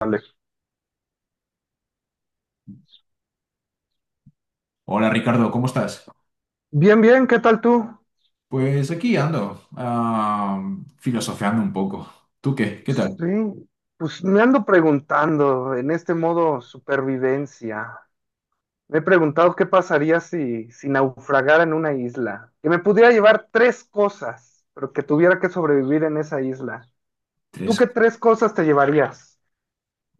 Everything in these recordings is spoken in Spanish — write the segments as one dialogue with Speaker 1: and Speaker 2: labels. Speaker 1: Alex?
Speaker 2: Hola Ricardo, ¿cómo estás?
Speaker 1: Bien, bien, ¿qué tal tú?
Speaker 2: Pues aquí ando, filosofeando un poco. ¿Tú qué? ¿Qué tal?
Speaker 1: Sí, pues me ando preguntando en este modo supervivencia. Me he preguntado qué pasaría si naufragara en una isla, que me pudiera llevar tres cosas, pero que tuviera que sobrevivir en esa isla. ¿Tú
Speaker 2: Tres.
Speaker 1: qué tres cosas te llevarías?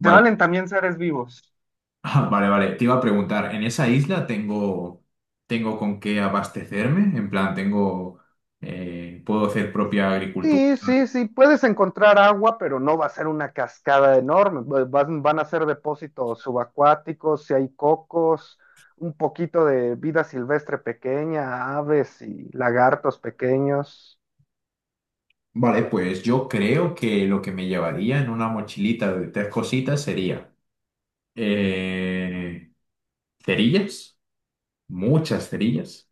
Speaker 1: ¿Te valen también seres vivos?
Speaker 2: Ah, vale, vale. Te iba a preguntar, ¿en esa isla tengo con qué abastecerme? En plan, tengo, ¿puedo hacer propia agricultura?
Speaker 1: Sí, sí, sí, puedes encontrar agua, pero no va a ser una cascada enorme. Van, van a ser depósitos subacuáticos, si hay cocos, un poquito de vida silvestre pequeña, aves y lagartos pequeños.
Speaker 2: Vale, pues yo creo que lo que me llevaría en una mochilita de tres cositas sería eh, cerillas, muchas cerillas.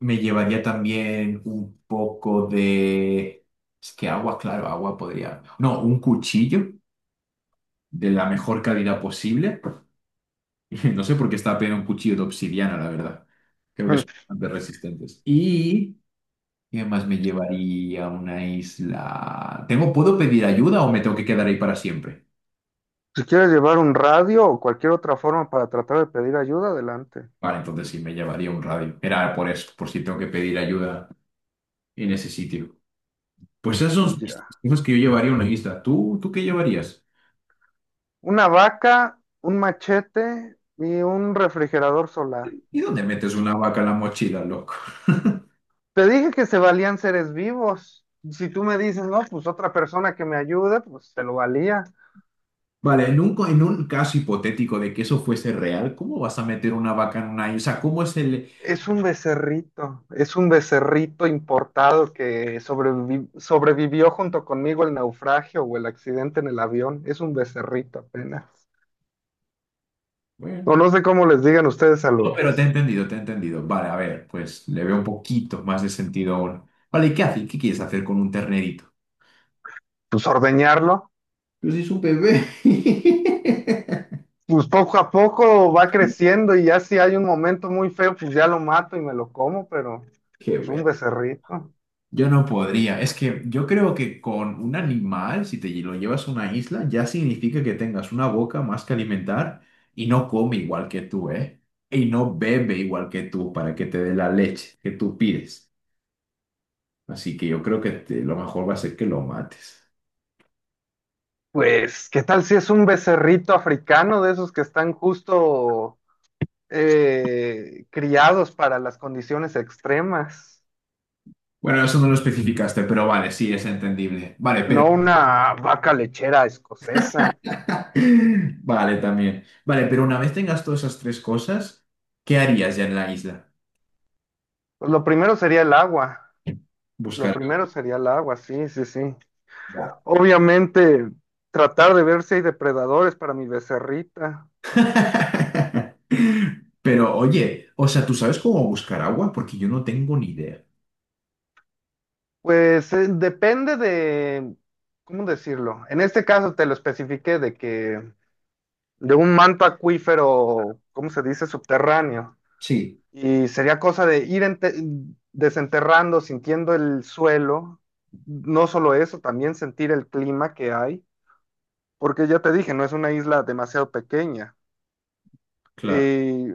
Speaker 2: Me llevaría también un poco de... Es que agua, claro, agua podría... No, un cuchillo de la mejor calidad posible. No sé por qué estaba pidiendo un cuchillo de obsidiana, la verdad. Creo que
Speaker 1: Mm.
Speaker 2: son bastante resistentes. Y... ¿Qué más me llevaría a una isla? ¿Tengo, puedo pedir ayuda o me tengo que quedar ahí para siempre?
Speaker 1: Si quieres llevar un radio o cualquier otra forma para tratar de pedir ayuda, adelante.
Speaker 2: Vale, entonces sí, me llevaría un radio. Era por eso, por si tengo que pedir ayuda en ese sitio. Pues esas son mis
Speaker 1: Ya.
Speaker 2: cosas que yo llevaría a una isla. ¿Tú qué llevarías?
Speaker 1: Una vaca, un machete y un refrigerador solar.
Speaker 2: ¿Y dónde metes una vaca en la mochila, loco?
Speaker 1: Te dije que se valían seres vivos. Si tú me dices, no, pues otra persona que me ayude, pues se lo valía.
Speaker 2: Vale, en en un caso hipotético de que eso fuese real, ¿cómo vas a meter una vaca en una... O sea, ¿cómo es el...
Speaker 1: Es un becerrito importado que sobrevivió junto conmigo el naufragio o el accidente en el avión. Es un becerrito apenas. O
Speaker 2: Bueno,
Speaker 1: no sé cómo les digan ustedes a
Speaker 2: no,
Speaker 1: los,
Speaker 2: pero te he entendido. Vale, a ver, pues le veo un poquito más de sentido ahora. Vale, ¿y qué haces? ¿Qué quieres hacer con un ternerito?
Speaker 1: pues ordeñarlo.
Speaker 2: Pues es un bebé.
Speaker 1: Pues poco a poco va creciendo y ya si hay un momento muy feo, pues ya lo mato y me lo como, pero
Speaker 2: Qué
Speaker 1: es un
Speaker 2: ver.
Speaker 1: becerrito.
Speaker 2: Yo no podría. Es que yo creo que con un animal, si te lo llevas a una isla, ya significa que tengas una boca más que alimentar y no come igual que tú, ¿eh? Y no bebe igual que tú para que te dé la leche que tú pides. Así que yo creo que lo mejor va a ser que lo mates.
Speaker 1: Pues, ¿qué tal si es un becerrito africano de esos que están justo criados para las condiciones extremas?
Speaker 2: Bueno, eso no lo especificaste, pero vale, sí, es entendible. Vale,
Speaker 1: No
Speaker 2: pero...
Speaker 1: una vaca lechera escocesa.
Speaker 2: Vale, también. Vale, pero una vez tengas todas esas tres cosas, ¿qué harías ya en la isla?
Speaker 1: Pues lo primero sería el agua. Lo
Speaker 2: Buscar...
Speaker 1: primero sería el agua, sí, sí, sí.
Speaker 2: agua.
Speaker 1: Obviamente, tratar de ver si hay depredadores para mi becerrita.
Speaker 2: Pero oye, o sea, ¿tú sabes cómo buscar agua? Porque yo no tengo ni idea.
Speaker 1: Pues depende de, ¿cómo decirlo? En este caso te lo especifiqué de que de un manto acuífero, ¿cómo se dice? Subterráneo.
Speaker 2: Sí,
Speaker 1: Y sería cosa de ir desenterrando, sintiendo el suelo. No solo eso, también sentir el clima que hay, porque ya te dije, no es una isla demasiado pequeña.
Speaker 2: claro.
Speaker 1: Y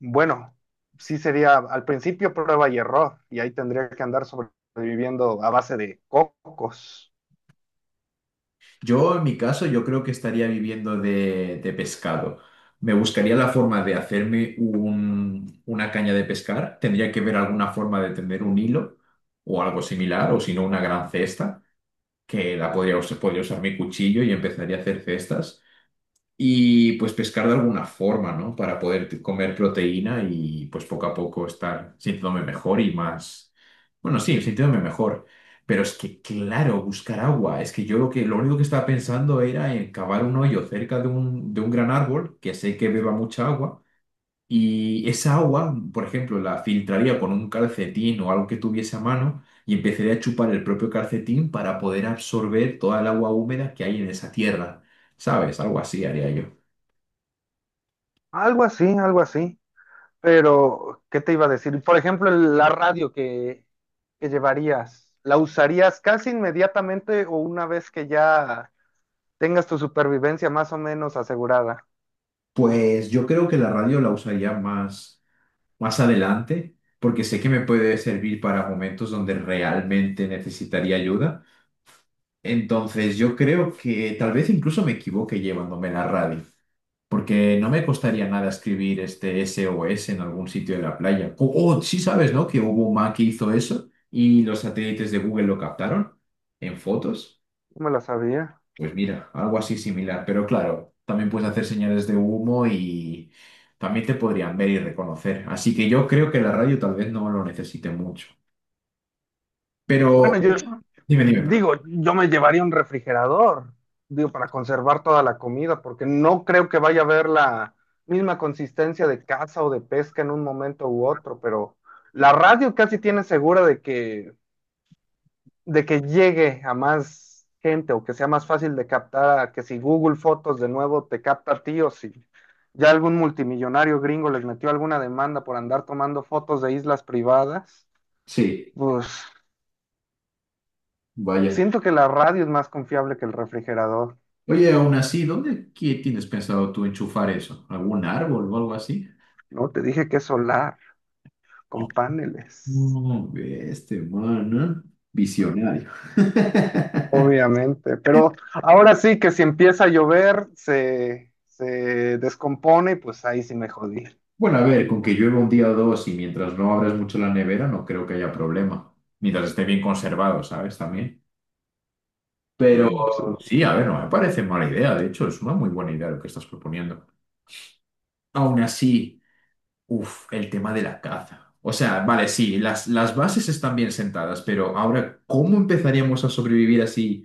Speaker 1: bueno, sí sería al principio prueba y error, y ahí tendría que andar sobreviviendo a base de cocos.
Speaker 2: Yo, en mi caso, yo creo que estaría viviendo de pescado. Me buscaría la forma de hacerme una caña de pescar. Tendría que ver alguna forma de tener un hilo o algo similar, o si no, una gran cesta, que la podría usar mi cuchillo y empezaría a hacer cestas. Y pues pescar de alguna forma, ¿no? Para poder comer proteína y pues poco a poco estar sintiéndome mejor y más, bueno, sí, sintiéndome mejor. Pero es que, claro, buscar agua. Es que yo lo único que estaba pensando era en cavar un hoyo cerca de un gran árbol, que sé que beba mucha agua, y esa agua, por ejemplo, la filtraría con un calcetín o algo que tuviese a mano y empezaría a chupar el propio calcetín para poder absorber toda el agua húmeda que hay en esa tierra. ¿Sabes? Algo así haría yo.
Speaker 1: Algo así, algo así. Pero, ¿qué te iba a decir? Por ejemplo, la radio que llevarías, ¿la usarías casi inmediatamente o una vez que ya tengas tu supervivencia más o menos asegurada?
Speaker 2: Pues yo creo que la radio la usaría más, más adelante, porque sé que me puede servir para momentos donde realmente necesitaría ayuda. Entonces yo creo que tal vez incluso me equivoque llevándome la radio, porque no me costaría nada escribir este SOS en algún sitio de la playa. O sí sabes, ¿no? Que hubo un man que hizo eso y los satélites de Google lo captaron en fotos.
Speaker 1: No me la sabía.
Speaker 2: Pues mira, algo así similar, pero claro, también puedes hacer señales de humo y también te podrían ver y reconocer. Así que yo creo que la radio tal vez no lo necesite mucho. Pero,
Speaker 1: Bueno, yo
Speaker 2: oye, dime, dime, perdón.
Speaker 1: digo, yo me llevaría un refrigerador, digo, para conservar toda la comida, porque no creo que vaya a haber la misma consistencia de caza o de pesca en un momento u otro, pero la radio casi tiene segura de que llegue a más gente o que sea más fácil de captar, a que si Google Fotos de nuevo te capta a ti o si ya algún multimillonario gringo les metió alguna demanda por andar tomando fotos de islas privadas,
Speaker 2: Sí,
Speaker 1: pues
Speaker 2: vaya.
Speaker 1: siento que la radio es más confiable que el refrigerador,
Speaker 2: Oye, aún así, ¿dónde qué tienes pensado tú enchufar eso? ¿Algún árbol o algo así?
Speaker 1: ¿no? Te dije que es solar, con
Speaker 2: Oh,
Speaker 1: paneles,
Speaker 2: no, ve este man, ¿eh? Visionario.
Speaker 1: obviamente, pero ahora sí que si empieza a llover se descompone y pues ahí sí me jodí.
Speaker 2: Bueno, a ver, con que llueva un día o dos y mientras no abras mucho la nevera, no creo que haya problema. Mientras esté bien conservado, ¿sabes? También. Pero sí, a ver, no me parece mala idea. De hecho, es una muy buena idea lo que estás proponiendo. Aún así, uff, el tema de la caza. O sea, vale, sí, las bases están bien sentadas, pero ahora, ¿cómo empezaríamos a sobrevivir así?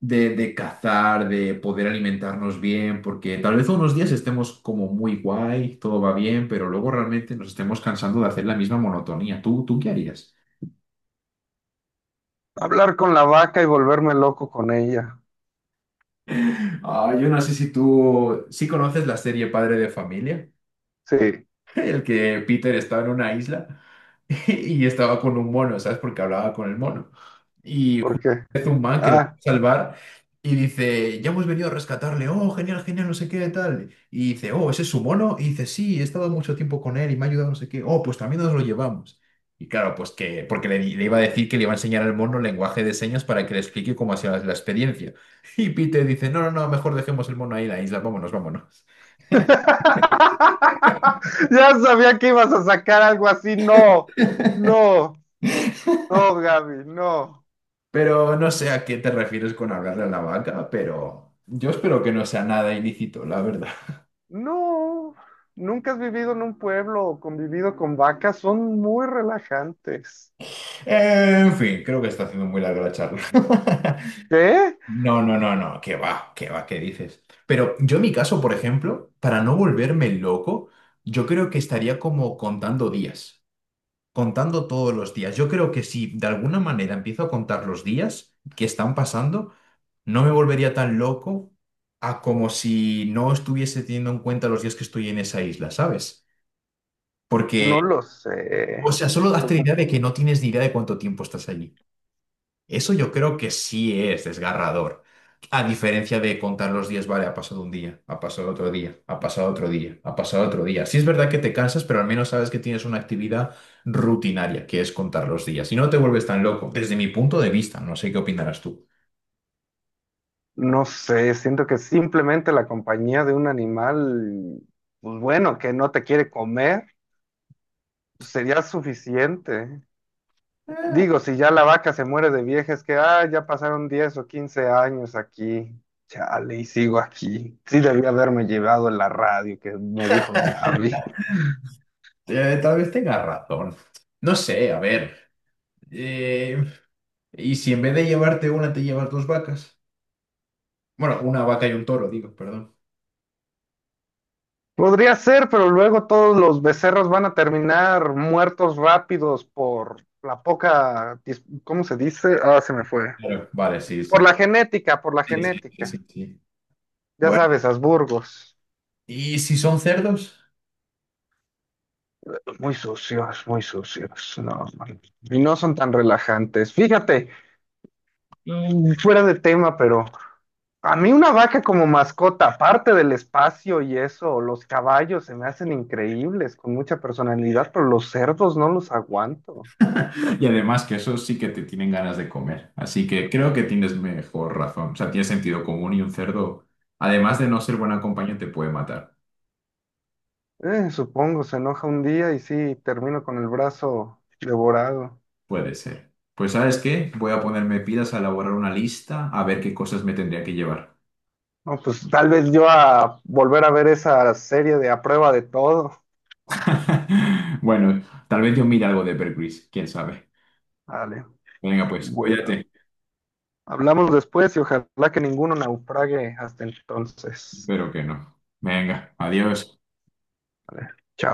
Speaker 2: De cazar, de poder alimentarnos bien, porque tal vez unos días estemos como muy guay, todo va bien, pero luego realmente nos estemos cansando de hacer la misma monotonía. ¿Tú qué harías?
Speaker 1: Hablar con la vaca y volverme loco con ella.
Speaker 2: Ah, yo no sé si tú sí conoces la serie Padre de Familia.
Speaker 1: Sí,
Speaker 2: El que Peter estaba en una isla y estaba con un mono, ¿sabes? Porque hablaba con el mono. Y
Speaker 1: ¿por
Speaker 2: justo
Speaker 1: qué?
Speaker 2: es un man que lo quiere
Speaker 1: Ah.
Speaker 2: salvar y dice, ya hemos venido a rescatarle, oh, genial, genial, no sé qué, tal. Y dice, oh, ¿ese es su mono? Y dice, sí, he estado mucho tiempo con él y me ha ayudado, no sé qué, oh, pues también nos lo llevamos. Y claro, pues que, le iba a decir que le iba a enseñar al mono lenguaje de señas para que le explique cómo ha sido la experiencia. Y Peter dice, no, no, no, mejor dejemos el mono ahí en la isla, vámonos, vámonos.
Speaker 1: Ya sabía que ibas a sacar algo así. No, no, no, Gaby, no.
Speaker 2: Pero no sé a qué te refieres con hablarle a la vaca, pero yo espero que no sea nada ilícito, la verdad.
Speaker 1: No, nunca has vivido en un pueblo o convivido con vacas. Son muy relajantes.
Speaker 2: En fin, creo que está haciendo muy larga la charla.
Speaker 1: ¿Qué?
Speaker 2: No, no, no, no, qué va, qué va, qué dices. Pero yo en mi caso, por ejemplo, para no volverme loco, yo creo que estaría como contando días, contando todos los días. Yo creo que si de alguna manera empiezo a contar los días que están pasando, no me volvería tan loco a como si no estuviese teniendo en cuenta los días que estoy en esa isla, ¿sabes?
Speaker 1: No
Speaker 2: Porque,
Speaker 1: lo
Speaker 2: o
Speaker 1: sé.
Speaker 2: sea, solo hazte la idea de que no tienes ni idea de cuánto tiempo estás allí. Eso yo creo que sí es desgarrador. A diferencia de contar los días, vale, ha pasado un día, ha pasado otro día, ha pasado otro día, ha pasado otro día. Sí es verdad que te cansas, pero al menos sabes que tienes una actividad rutinaria, que es contar los días. Y no te vuelves tan loco, desde mi punto de vista, no sé qué opinarás tú.
Speaker 1: No sé, siento que simplemente la compañía de un animal, pues bueno, que no te quiere comer sería suficiente. Digo, si ya la vaca se muere de vieja, es que, ah, ya pasaron 10 o 15 años aquí. Chale, y sigo aquí. Sí debía haberme llevado la radio que me dijo Gaby.
Speaker 2: Tal vez tenga razón. No sé, a ver. eh, ¿Y si en vez de llevarte una, te llevas dos vacas? Bueno, una vaca y un toro, digo, perdón.
Speaker 1: Podría ser, pero luego todos los becerros van a terminar muertos rápidos por la poca, ¿cómo se dice? Ah, se me fue.
Speaker 2: Claro. Vale, sí,
Speaker 1: Por
Speaker 2: sí.
Speaker 1: la genética, por la
Speaker 2: Sí, sí, sí,
Speaker 1: genética.
Speaker 2: sí, sí.
Speaker 1: Ya
Speaker 2: Bueno,
Speaker 1: sabes, Habsburgos.
Speaker 2: ¿y si son cerdos?
Speaker 1: Muy sucios, muy sucios. No, man, y no son tan relajantes. Fíjate, mm, fuera de tema, pero a mí una vaca como mascota, aparte del espacio y eso, los caballos se me hacen increíbles, con mucha personalidad, pero los cerdos no los aguanto.
Speaker 2: Y además que esos sí que te tienen ganas de comer. Así que creo que tienes mejor razón. O sea, tiene sentido común y un cerdo, además de no ser buena compañía, te puede matar.
Speaker 1: Supongo, se enoja un día y sí, termino con el brazo devorado.
Speaker 2: Puede ser. Pues ¿sabes qué? Voy a ponerme pilas a elaborar una lista a ver qué cosas me tendría que llevar.
Speaker 1: No, pues tal vez yo a volver a ver esa serie de A Prueba de Todo.
Speaker 2: Bueno, tal vez yo mire algo de Bear Grylls, quién sabe.
Speaker 1: Vale,
Speaker 2: Venga, pues,
Speaker 1: bueno.
Speaker 2: cuídate.
Speaker 1: Hablamos después y ojalá que ninguno naufrague hasta entonces.
Speaker 2: Espero que no. Venga, adiós.
Speaker 1: Vale, chao.